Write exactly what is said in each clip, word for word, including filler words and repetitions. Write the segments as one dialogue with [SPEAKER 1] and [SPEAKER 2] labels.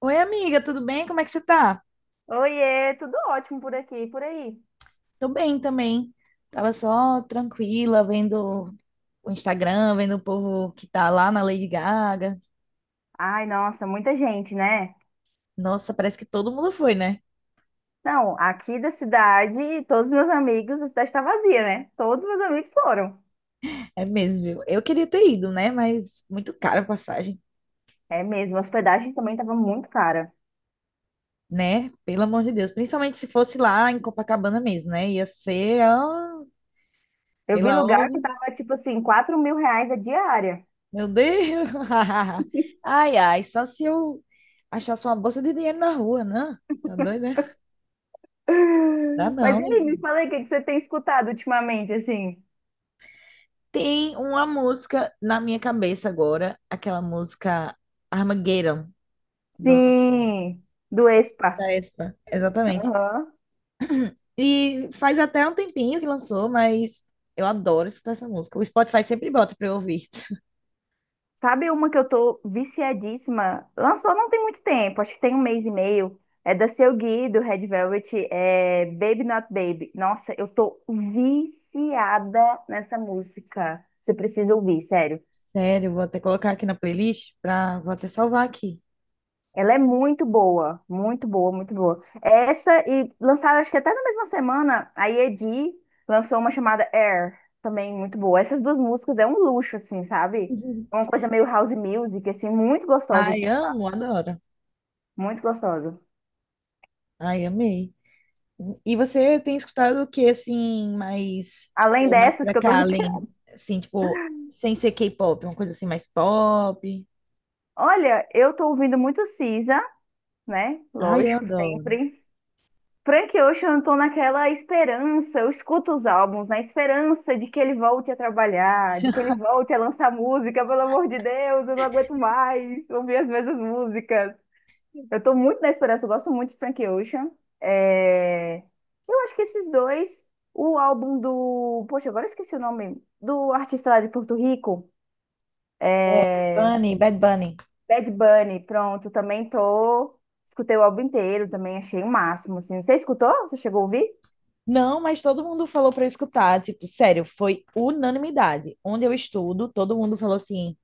[SPEAKER 1] Oi, amiga, tudo bem? Como é que você tá?
[SPEAKER 2] Oiê, tudo ótimo por aqui, por aí.
[SPEAKER 1] Tô bem também. Tava só tranquila, vendo o Instagram, vendo o povo que tá lá na Lady Gaga.
[SPEAKER 2] Ai, nossa, muita gente, né?
[SPEAKER 1] Nossa, parece que todo mundo foi, né?
[SPEAKER 2] Não, aqui da cidade, todos os meus amigos, a cidade está vazia, né? Todos os meus amigos foram.
[SPEAKER 1] É mesmo, viu? Eu queria ter ido, né? Mas muito cara a passagem,
[SPEAKER 2] É mesmo, a hospedagem também estava muito cara.
[SPEAKER 1] né? Pelo amor de Deus. Principalmente se fosse lá em Copacabana mesmo, né? Ia ser, ó,
[SPEAKER 2] Eu vi
[SPEAKER 1] pela
[SPEAKER 2] lugar que
[SPEAKER 1] ordem.
[SPEAKER 2] tava tipo assim, quatro mil reais a diária.
[SPEAKER 1] Meu Deus! Ai, ai, só se eu achasse uma bolsa de dinheiro na rua, né? Tá doido, né? Dá
[SPEAKER 2] Mas
[SPEAKER 1] não.
[SPEAKER 2] e aí, me fala aí, o que que você tem escutado ultimamente, assim?
[SPEAKER 1] Tem uma música na minha cabeça agora, aquela música Armageddon, do,
[SPEAKER 2] Sim, do Expa.
[SPEAKER 1] da Espa. Exatamente.
[SPEAKER 2] Aham.
[SPEAKER 1] E faz até um tempinho que lançou, mas eu adoro escutar essa música. O Spotify sempre bota pra eu ouvir.
[SPEAKER 2] Sabe uma que eu tô viciadíssima? Lançou não tem muito tempo, acho que tem um mês e meio. É da Seu Gui, do Red Velvet, é Baby Not Baby. Nossa, eu tô viciada nessa música. Você precisa ouvir, sério.
[SPEAKER 1] Sério, vou até colocar aqui na playlist, pra, vou até salvar aqui.
[SPEAKER 2] Ela é muito boa, muito boa, muito boa. Essa e lançaram, acho que até na mesma semana, a Yedi lançou uma chamada Air, também muito boa. Essas duas músicas é um luxo, assim, sabe?
[SPEAKER 1] Uhum.
[SPEAKER 2] É uma coisa meio house music, assim, muito gostosa de
[SPEAKER 1] Ai,
[SPEAKER 2] escutar,
[SPEAKER 1] amo, adoro.
[SPEAKER 2] muito gostosa.
[SPEAKER 1] Ai, amei. E você tem escutado o que, assim, mais,
[SPEAKER 2] Além
[SPEAKER 1] tipo, mais
[SPEAKER 2] dessas
[SPEAKER 1] pra
[SPEAKER 2] que eu tô
[SPEAKER 1] cá, além,
[SPEAKER 2] viciada.
[SPEAKER 1] assim, tipo, sem ser K-pop, uma coisa assim mais pop?
[SPEAKER 2] Olha, eu tô ouvindo muito Cisa, né?
[SPEAKER 1] Ai, eu
[SPEAKER 2] Lógico,
[SPEAKER 1] adoro.
[SPEAKER 2] sempre. Frank Ocean, eu tô naquela esperança, eu escuto os álbuns na esperança de que ele volte a trabalhar, de que ele volte a lançar música, pelo amor de Deus, eu não aguento mais ouvir as mesmas músicas. Eu tô muito na esperança, eu gosto muito de Frank Ocean. É, eu acho que esses dois, o álbum do. Poxa, agora eu esqueci o nome. Do artista lá de Porto Rico.
[SPEAKER 1] É, Bunny, Bad Bunny.
[SPEAKER 2] Bad Bunny, pronto, também tô. Escutei o álbum inteiro, também achei o máximo, assim. Você escutou? Você chegou a ouvir?
[SPEAKER 1] Não, mas todo mundo falou pra eu escutar, tipo, sério, foi unanimidade. Onde eu estudo, todo mundo falou assim: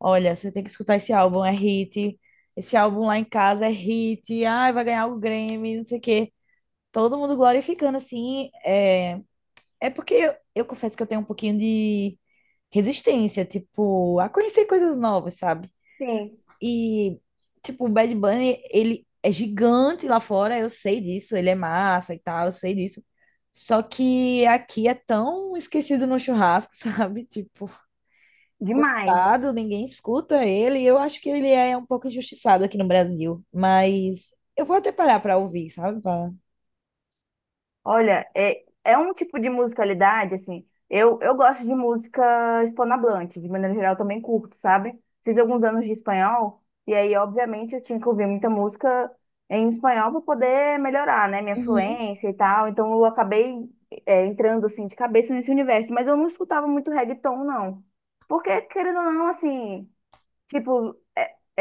[SPEAKER 1] "Olha, você tem que escutar esse álbum, é hit. Esse álbum lá em casa é hit. Ai, vai ganhar o Grammy, não sei o quê". Todo mundo glorificando assim, é, é porque eu, eu confesso que eu tenho um pouquinho de resistência, tipo, a conhecer coisas novas, sabe?
[SPEAKER 2] Sim.
[SPEAKER 1] E, tipo, o Bad Bunny, ele é gigante lá fora, eu sei disso, ele é massa e tal, eu sei disso. Só que aqui é tão esquecido no churrasco, sabe? Tipo,
[SPEAKER 2] Demais.
[SPEAKER 1] coitado, ninguém escuta ele. Eu acho que ele é um pouco injustiçado aqui no Brasil, mas eu vou até parar pra ouvir, sabe? Pra-
[SPEAKER 2] Olha, é, é um tipo de musicalidade, assim. Eu, eu gosto de música hispanohablante, de maneira geral também curto, sabe? Fiz alguns anos de espanhol, e aí, obviamente, eu tinha que ouvir muita música em espanhol para poder melhorar, né, minha
[SPEAKER 1] Uhum.
[SPEAKER 2] fluência e tal. Então, eu acabei, é, entrando, assim, de cabeça nesse universo. Mas eu não escutava muito reggaeton, não. Porque, querendo ou não, assim, tipo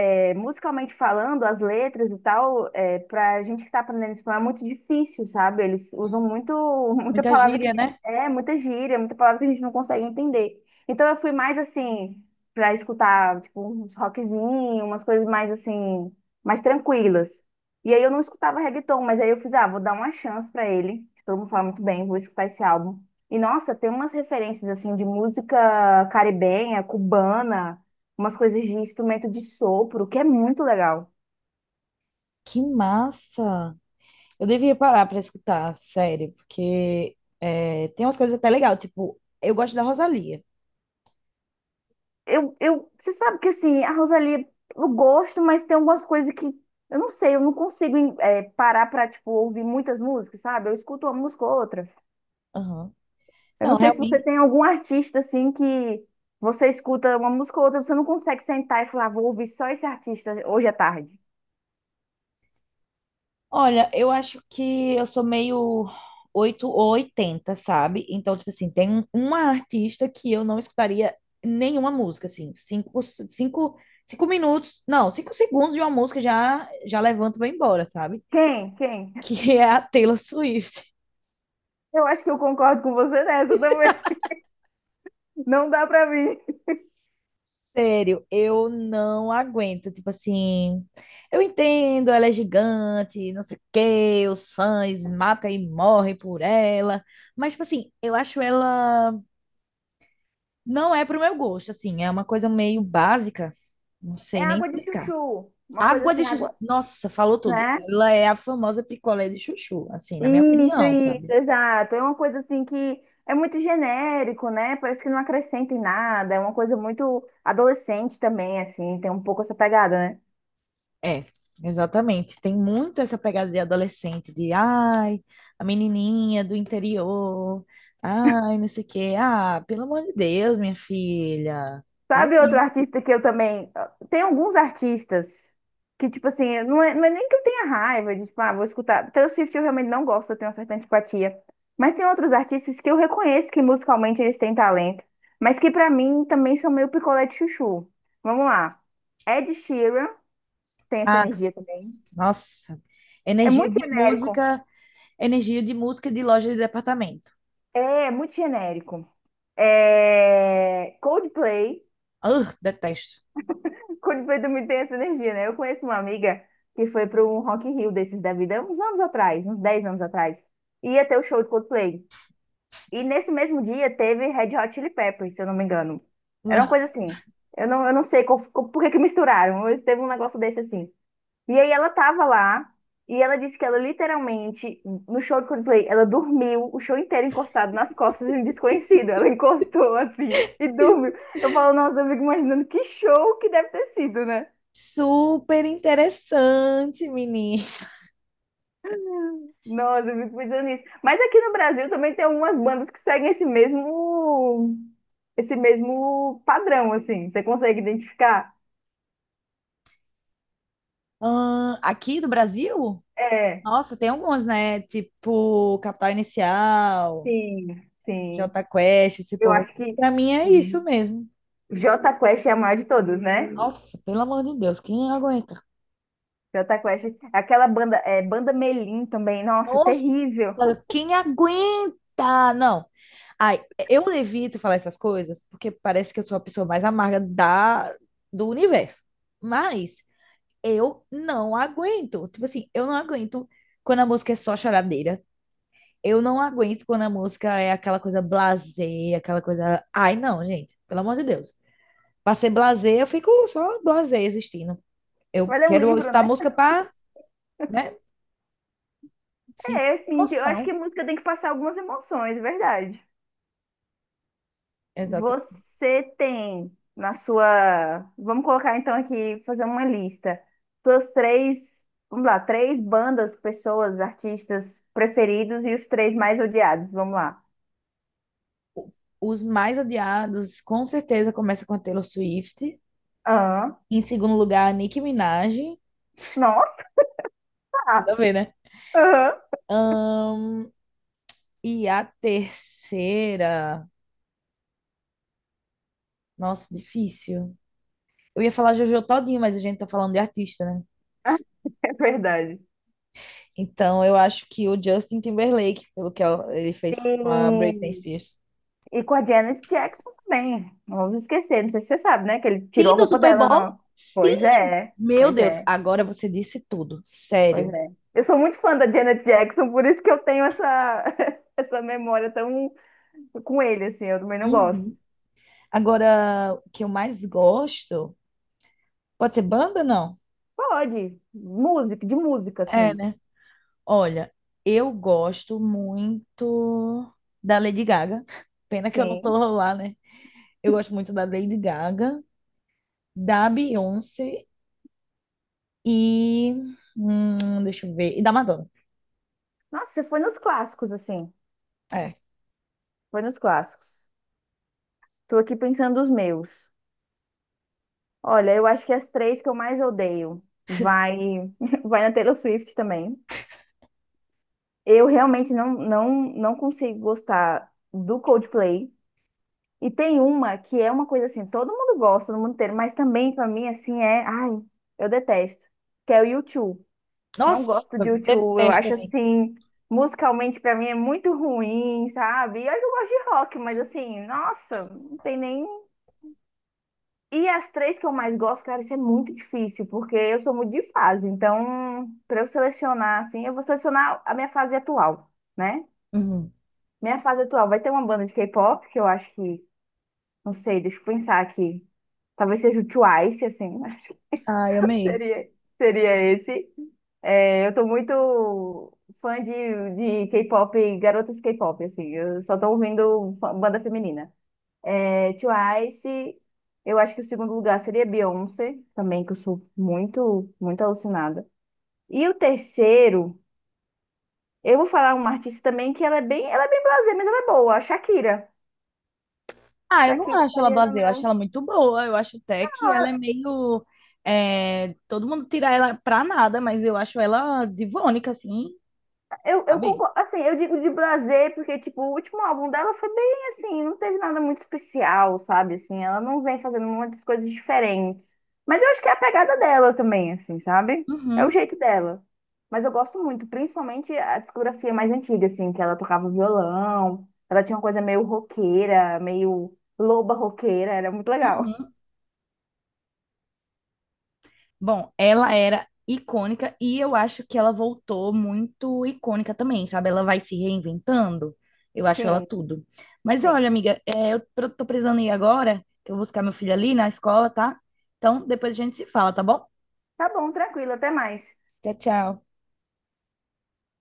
[SPEAKER 2] é, musicalmente falando, as letras e tal, é, pra gente que tá aprendendo espanhol é muito difícil, sabe? Eles usam muito, muita
[SPEAKER 1] Muita
[SPEAKER 2] palavra que
[SPEAKER 1] gíria, né?
[SPEAKER 2] é, muita gíria, muita palavra que a gente não consegue entender. Então eu fui mais assim, pra escutar, tipo, uns rockzinhos, umas coisas mais assim, mais tranquilas. E aí eu não escutava reggaeton, mas aí eu fiz, ah, vou dar uma chance pra ele. Todo mundo fala muito bem, vou escutar esse álbum. E nossa, tem umas referências assim de música caribenha, cubana umas coisas de instrumento de sopro, que é muito legal.
[SPEAKER 1] Que massa! Eu devia parar pra escutar, sério, porque é, tem umas coisas até legal, tipo, eu gosto da Rosalía.
[SPEAKER 2] Eu, eu, você sabe que assim, a Rosalia, eu gosto, mas tem algumas coisas que eu não sei, eu não consigo em- eh, parar pra, tipo, ouvir muitas músicas, sabe? Eu escuto uma música ou outra.
[SPEAKER 1] Aham.
[SPEAKER 2] Eu não
[SPEAKER 1] Não,
[SPEAKER 2] sei se você
[SPEAKER 1] realmente.
[SPEAKER 2] tem algum artista assim que você escuta uma música ou outra, você não consegue sentar e falar, vou ouvir só esse artista hoje à tarde.
[SPEAKER 1] Olha, eu acho que eu sou meio oito ou oitenta, sabe? Então, tipo assim, tem um- uma artista que eu não escutaria nenhuma música, assim. Cinco, cinco, cinco minutos, não, cinco segundos de uma música já, já levanto e vou embora, sabe?
[SPEAKER 2] Quem? Quem?
[SPEAKER 1] Que é a Taylor Swift.
[SPEAKER 2] Eu acho que eu concordo com você nessa também. Não dá pra mim.
[SPEAKER 1] Sério, eu não aguento. Tipo assim, eu entendo, ela é gigante, não sei o quê, os fãs matam e morrem por ela. Mas, tipo assim, eu acho ela. Não é pro meu gosto, assim, é uma coisa meio básica. Não
[SPEAKER 2] É
[SPEAKER 1] sei nem
[SPEAKER 2] água de
[SPEAKER 1] explicar.
[SPEAKER 2] chuchu, uma coisa
[SPEAKER 1] Água
[SPEAKER 2] assim,
[SPEAKER 1] de chuchu.
[SPEAKER 2] água,
[SPEAKER 1] Nossa, falou tudo.
[SPEAKER 2] né?
[SPEAKER 1] Ela é a famosa picolé de chuchu, assim, na minha
[SPEAKER 2] Isso,
[SPEAKER 1] opinião,
[SPEAKER 2] isso,
[SPEAKER 1] sabe?
[SPEAKER 2] exato. É uma coisa assim que é muito genérico, né? Parece que não acrescenta em nada. É uma coisa muito adolescente também, assim, tem um pouco essa pegada, né?
[SPEAKER 1] É, exatamente. Tem muito essa pegada de adolescente, de ai, a menininha do interior, ai, não sei o quê. Ah, pelo amor de Deus, minha filha. E
[SPEAKER 2] Sabe outro
[SPEAKER 1] aí?
[SPEAKER 2] artista que eu também. Ah, tem alguns artistas que, tipo assim, não é, não é nem que eu tenha raiva de, tipo, ah, vou escutar. Taylor Swift eu realmente não gosto, eu tenho uma certa antipatia. Mas tem outros artistas que eu reconheço que musicalmente eles têm talento, mas que pra mim também são meio picolé de chuchu. Vamos lá. Ed Sheeran tem essa
[SPEAKER 1] Ah,
[SPEAKER 2] energia também.
[SPEAKER 1] nossa.
[SPEAKER 2] É
[SPEAKER 1] Energia
[SPEAKER 2] muito
[SPEAKER 1] de
[SPEAKER 2] genérico.
[SPEAKER 1] música, energia de música de loja de departamento.
[SPEAKER 2] É, é muito genérico. É... Coldplay.
[SPEAKER 1] Ah, detesto.
[SPEAKER 2] Coldplay também tem essa energia, né? Eu conheço uma amiga que foi para um Rock in Rio desses da vida, uns anos atrás, uns dez anos atrás. Ia ter o show de Coldplay. E nesse mesmo dia teve Red Hot Chili Peppers, se eu não me engano. Era uma coisa assim. Eu não, eu não sei qual- qual- por que que misturaram, mas teve um negócio desse assim. E aí ela tava lá e ela disse que ela literalmente, no show de Coldplay, ela dormiu o show inteiro encostado nas costas de um desconhecido. Ela encostou assim e dormiu. Eu falo, nossa, eu fico imaginando que show que deve ter sido, né?
[SPEAKER 1] Super interessante, menina.
[SPEAKER 2] Nossa, eu fico pensando nisso. Mas aqui no Brasil também tem algumas bandas que seguem esse mesmo, esse mesmo padrão, assim. Você consegue identificar?
[SPEAKER 1] Ah, aqui do Brasil?
[SPEAKER 2] É,
[SPEAKER 1] Nossa, tem algumas, né? Tipo, Capital Inicial.
[SPEAKER 2] sim, sim.
[SPEAKER 1] Jota Quest, esse
[SPEAKER 2] Eu
[SPEAKER 1] povo
[SPEAKER 2] acho
[SPEAKER 1] assim,
[SPEAKER 2] que
[SPEAKER 1] pra mim é isso mesmo.
[SPEAKER 2] J Quest é a maior de todas, né?
[SPEAKER 1] Nossa, pelo amor de Deus, quem aguenta?
[SPEAKER 2] Jota Quest. Aquela banda, é, Banda Melim também. Nossa,
[SPEAKER 1] Nossa,
[SPEAKER 2] terrível.
[SPEAKER 1] quem aguenta? Não. Ai, eu evito falar essas coisas porque parece que eu sou a pessoa mais amarga da, do universo. Mas eu não aguento. Tipo assim, eu não aguento quando a música é só choradeira. Eu não aguento quando a música é aquela coisa blasé, aquela coisa. Ai, não, gente, pelo amor de Deus. Pra ser blasé, eu fico só blasé existindo. Eu
[SPEAKER 2] Vai ler um
[SPEAKER 1] quero
[SPEAKER 2] livro,
[SPEAKER 1] escutar
[SPEAKER 2] né?
[SPEAKER 1] música para, né, sentir
[SPEAKER 2] É, assim, eu acho que
[SPEAKER 1] emoção.
[SPEAKER 2] a música tem que passar algumas emoções, é verdade.
[SPEAKER 1] Exato.
[SPEAKER 2] Você tem na sua. Vamos colocar então aqui, fazer uma lista. Suas três. Vamos lá, três bandas, pessoas, artistas preferidos e os três mais odiados. Vamos lá.
[SPEAKER 1] Os mais odiados, com certeza, começa com a Taylor Swift.
[SPEAKER 2] Aham.
[SPEAKER 1] Em segundo lugar, a Nicki Minaj.
[SPEAKER 2] Nossa!
[SPEAKER 1] Tudo a ver, né?
[SPEAKER 2] Aham.
[SPEAKER 1] Ahn, e a terceira. Nossa, difícil. Eu ia falar Jojo Todinho, mas a gente tá falando de artista, né?
[SPEAKER 2] É verdade.
[SPEAKER 1] Então eu acho que o Justin Timberlake, pelo que ele fez com a Britney
[SPEAKER 2] Tem.
[SPEAKER 1] Spears.
[SPEAKER 2] E com a Janet Jackson também. Não vamos esquecer, não sei se você sabe, né? Que ele
[SPEAKER 1] Sim,
[SPEAKER 2] tirou a
[SPEAKER 1] do
[SPEAKER 2] roupa
[SPEAKER 1] Super
[SPEAKER 2] dela,
[SPEAKER 1] Bowl?
[SPEAKER 2] não. Pois
[SPEAKER 1] Sim!
[SPEAKER 2] é,
[SPEAKER 1] Meu
[SPEAKER 2] pois
[SPEAKER 1] Deus,
[SPEAKER 2] é,
[SPEAKER 1] agora você disse tudo.
[SPEAKER 2] pois
[SPEAKER 1] Sério.
[SPEAKER 2] é. Eu sou muito fã da Janet Jackson, por isso que eu tenho essa, essa memória tão com ele, assim. Eu também não gosto.
[SPEAKER 1] Uhum. Agora, o que eu mais gosto. Pode ser banda, não?
[SPEAKER 2] Pode, música, de música,
[SPEAKER 1] É,
[SPEAKER 2] assim.
[SPEAKER 1] né? Olha, eu gosto muito da Lady Gaga. Pena que eu não tô
[SPEAKER 2] Sim.
[SPEAKER 1] lá, né? Eu gosto muito da Lady Gaga, da Beyoncé e. Hum, deixa eu ver. E da Madonna.
[SPEAKER 2] Nossa, você foi nos clássicos, assim.
[SPEAKER 1] É.
[SPEAKER 2] Foi nos clássicos. Tô aqui pensando os meus. Olha, eu acho que as três que eu mais odeio vai, vai na Taylor Swift também. Eu realmente não, não, não consigo gostar do Coldplay. E tem uma que é uma coisa assim, todo mundo gosta, no mundo inteiro, mas também pra mim assim é, ai, eu detesto, que é o U dois. Não
[SPEAKER 1] Nossa,
[SPEAKER 2] gosto de U dois, eu
[SPEAKER 1] detesto
[SPEAKER 2] acho
[SPEAKER 1] a mim
[SPEAKER 2] assim, musicalmente pra mim é muito ruim, sabe? E olha que eu gosto de rock, mas assim, nossa, não tem nem. E as três que eu mais gosto, cara, isso é muito difícil, porque eu sou muito de fase. Então, pra eu selecionar assim, eu vou selecionar a minha fase atual, né?
[SPEAKER 1] Uhum.
[SPEAKER 2] Minha fase atual vai ter uma banda de K-pop, que eu acho que, não sei, deixa eu pensar aqui. Talvez seja o Twice, assim, acho que
[SPEAKER 1] Ai, amei.
[SPEAKER 2] seria, seria esse. É, eu tô muito fã de, de K-pop, garotas K-pop, assim, eu só tô ouvindo fa- banda feminina. É, Twice, eu acho que o segundo lugar seria Beyoncé, também, que eu sou muito, muito alucinada. E o terceiro, eu vou falar uma artista também que ela é bem, ela é bem blasé, mas ela é boa, a Shakira.
[SPEAKER 1] Ah, eu não
[SPEAKER 2] Shakira
[SPEAKER 1] acho ela
[SPEAKER 2] estaria no
[SPEAKER 1] blasé, eu acho
[SPEAKER 2] meu.
[SPEAKER 1] ela muito boa. Eu acho até que ela é meio. É, todo mundo tira ela pra nada, mas eu acho ela divônica, assim,
[SPEAKER 2] Eu, eu
[SPEAKER 1] sabe?
[SPEAKER 2] concordo, assim, eu digo de prazer, porque, tipo, o último álbum dela foi bem, assim, não teve nada muito especial, sabe, assim, ela não vem fazendo muitas coisas diferentes, mas eu acho que é a pegada dela também, assim, sabe, é o
[SPEAKER 1] Uhum,
[SPEAKER 2] jeito dela, mas eu gosto muito, principalmente a discografia mais antiga, assim, que ela tocava violão, ela tinha uma coisa meio roqueira, meio loba roqueira, era muito legal.
[SPEAKER 1] uhum. Bom, ela era icônica e eu acho que ela voltou muito icônica também, sabe? Ela vai se reinventando. Eu acho ela
[SPEAKER 2] Sim,
[SPEAKER 1] tudo. Mas
[SPEAKER 2] sim.
[SPEAKER 1] olha, amiga, é, eu pre- tô precisando ir agora, que eu vou buscar meu filho ali na escola, tá? Então depois a gente se fala, tá bom?
[SPEAKER 2] Tá bom, tranquilo, até mais.
[SPEAKER 1] Tchau, tchau.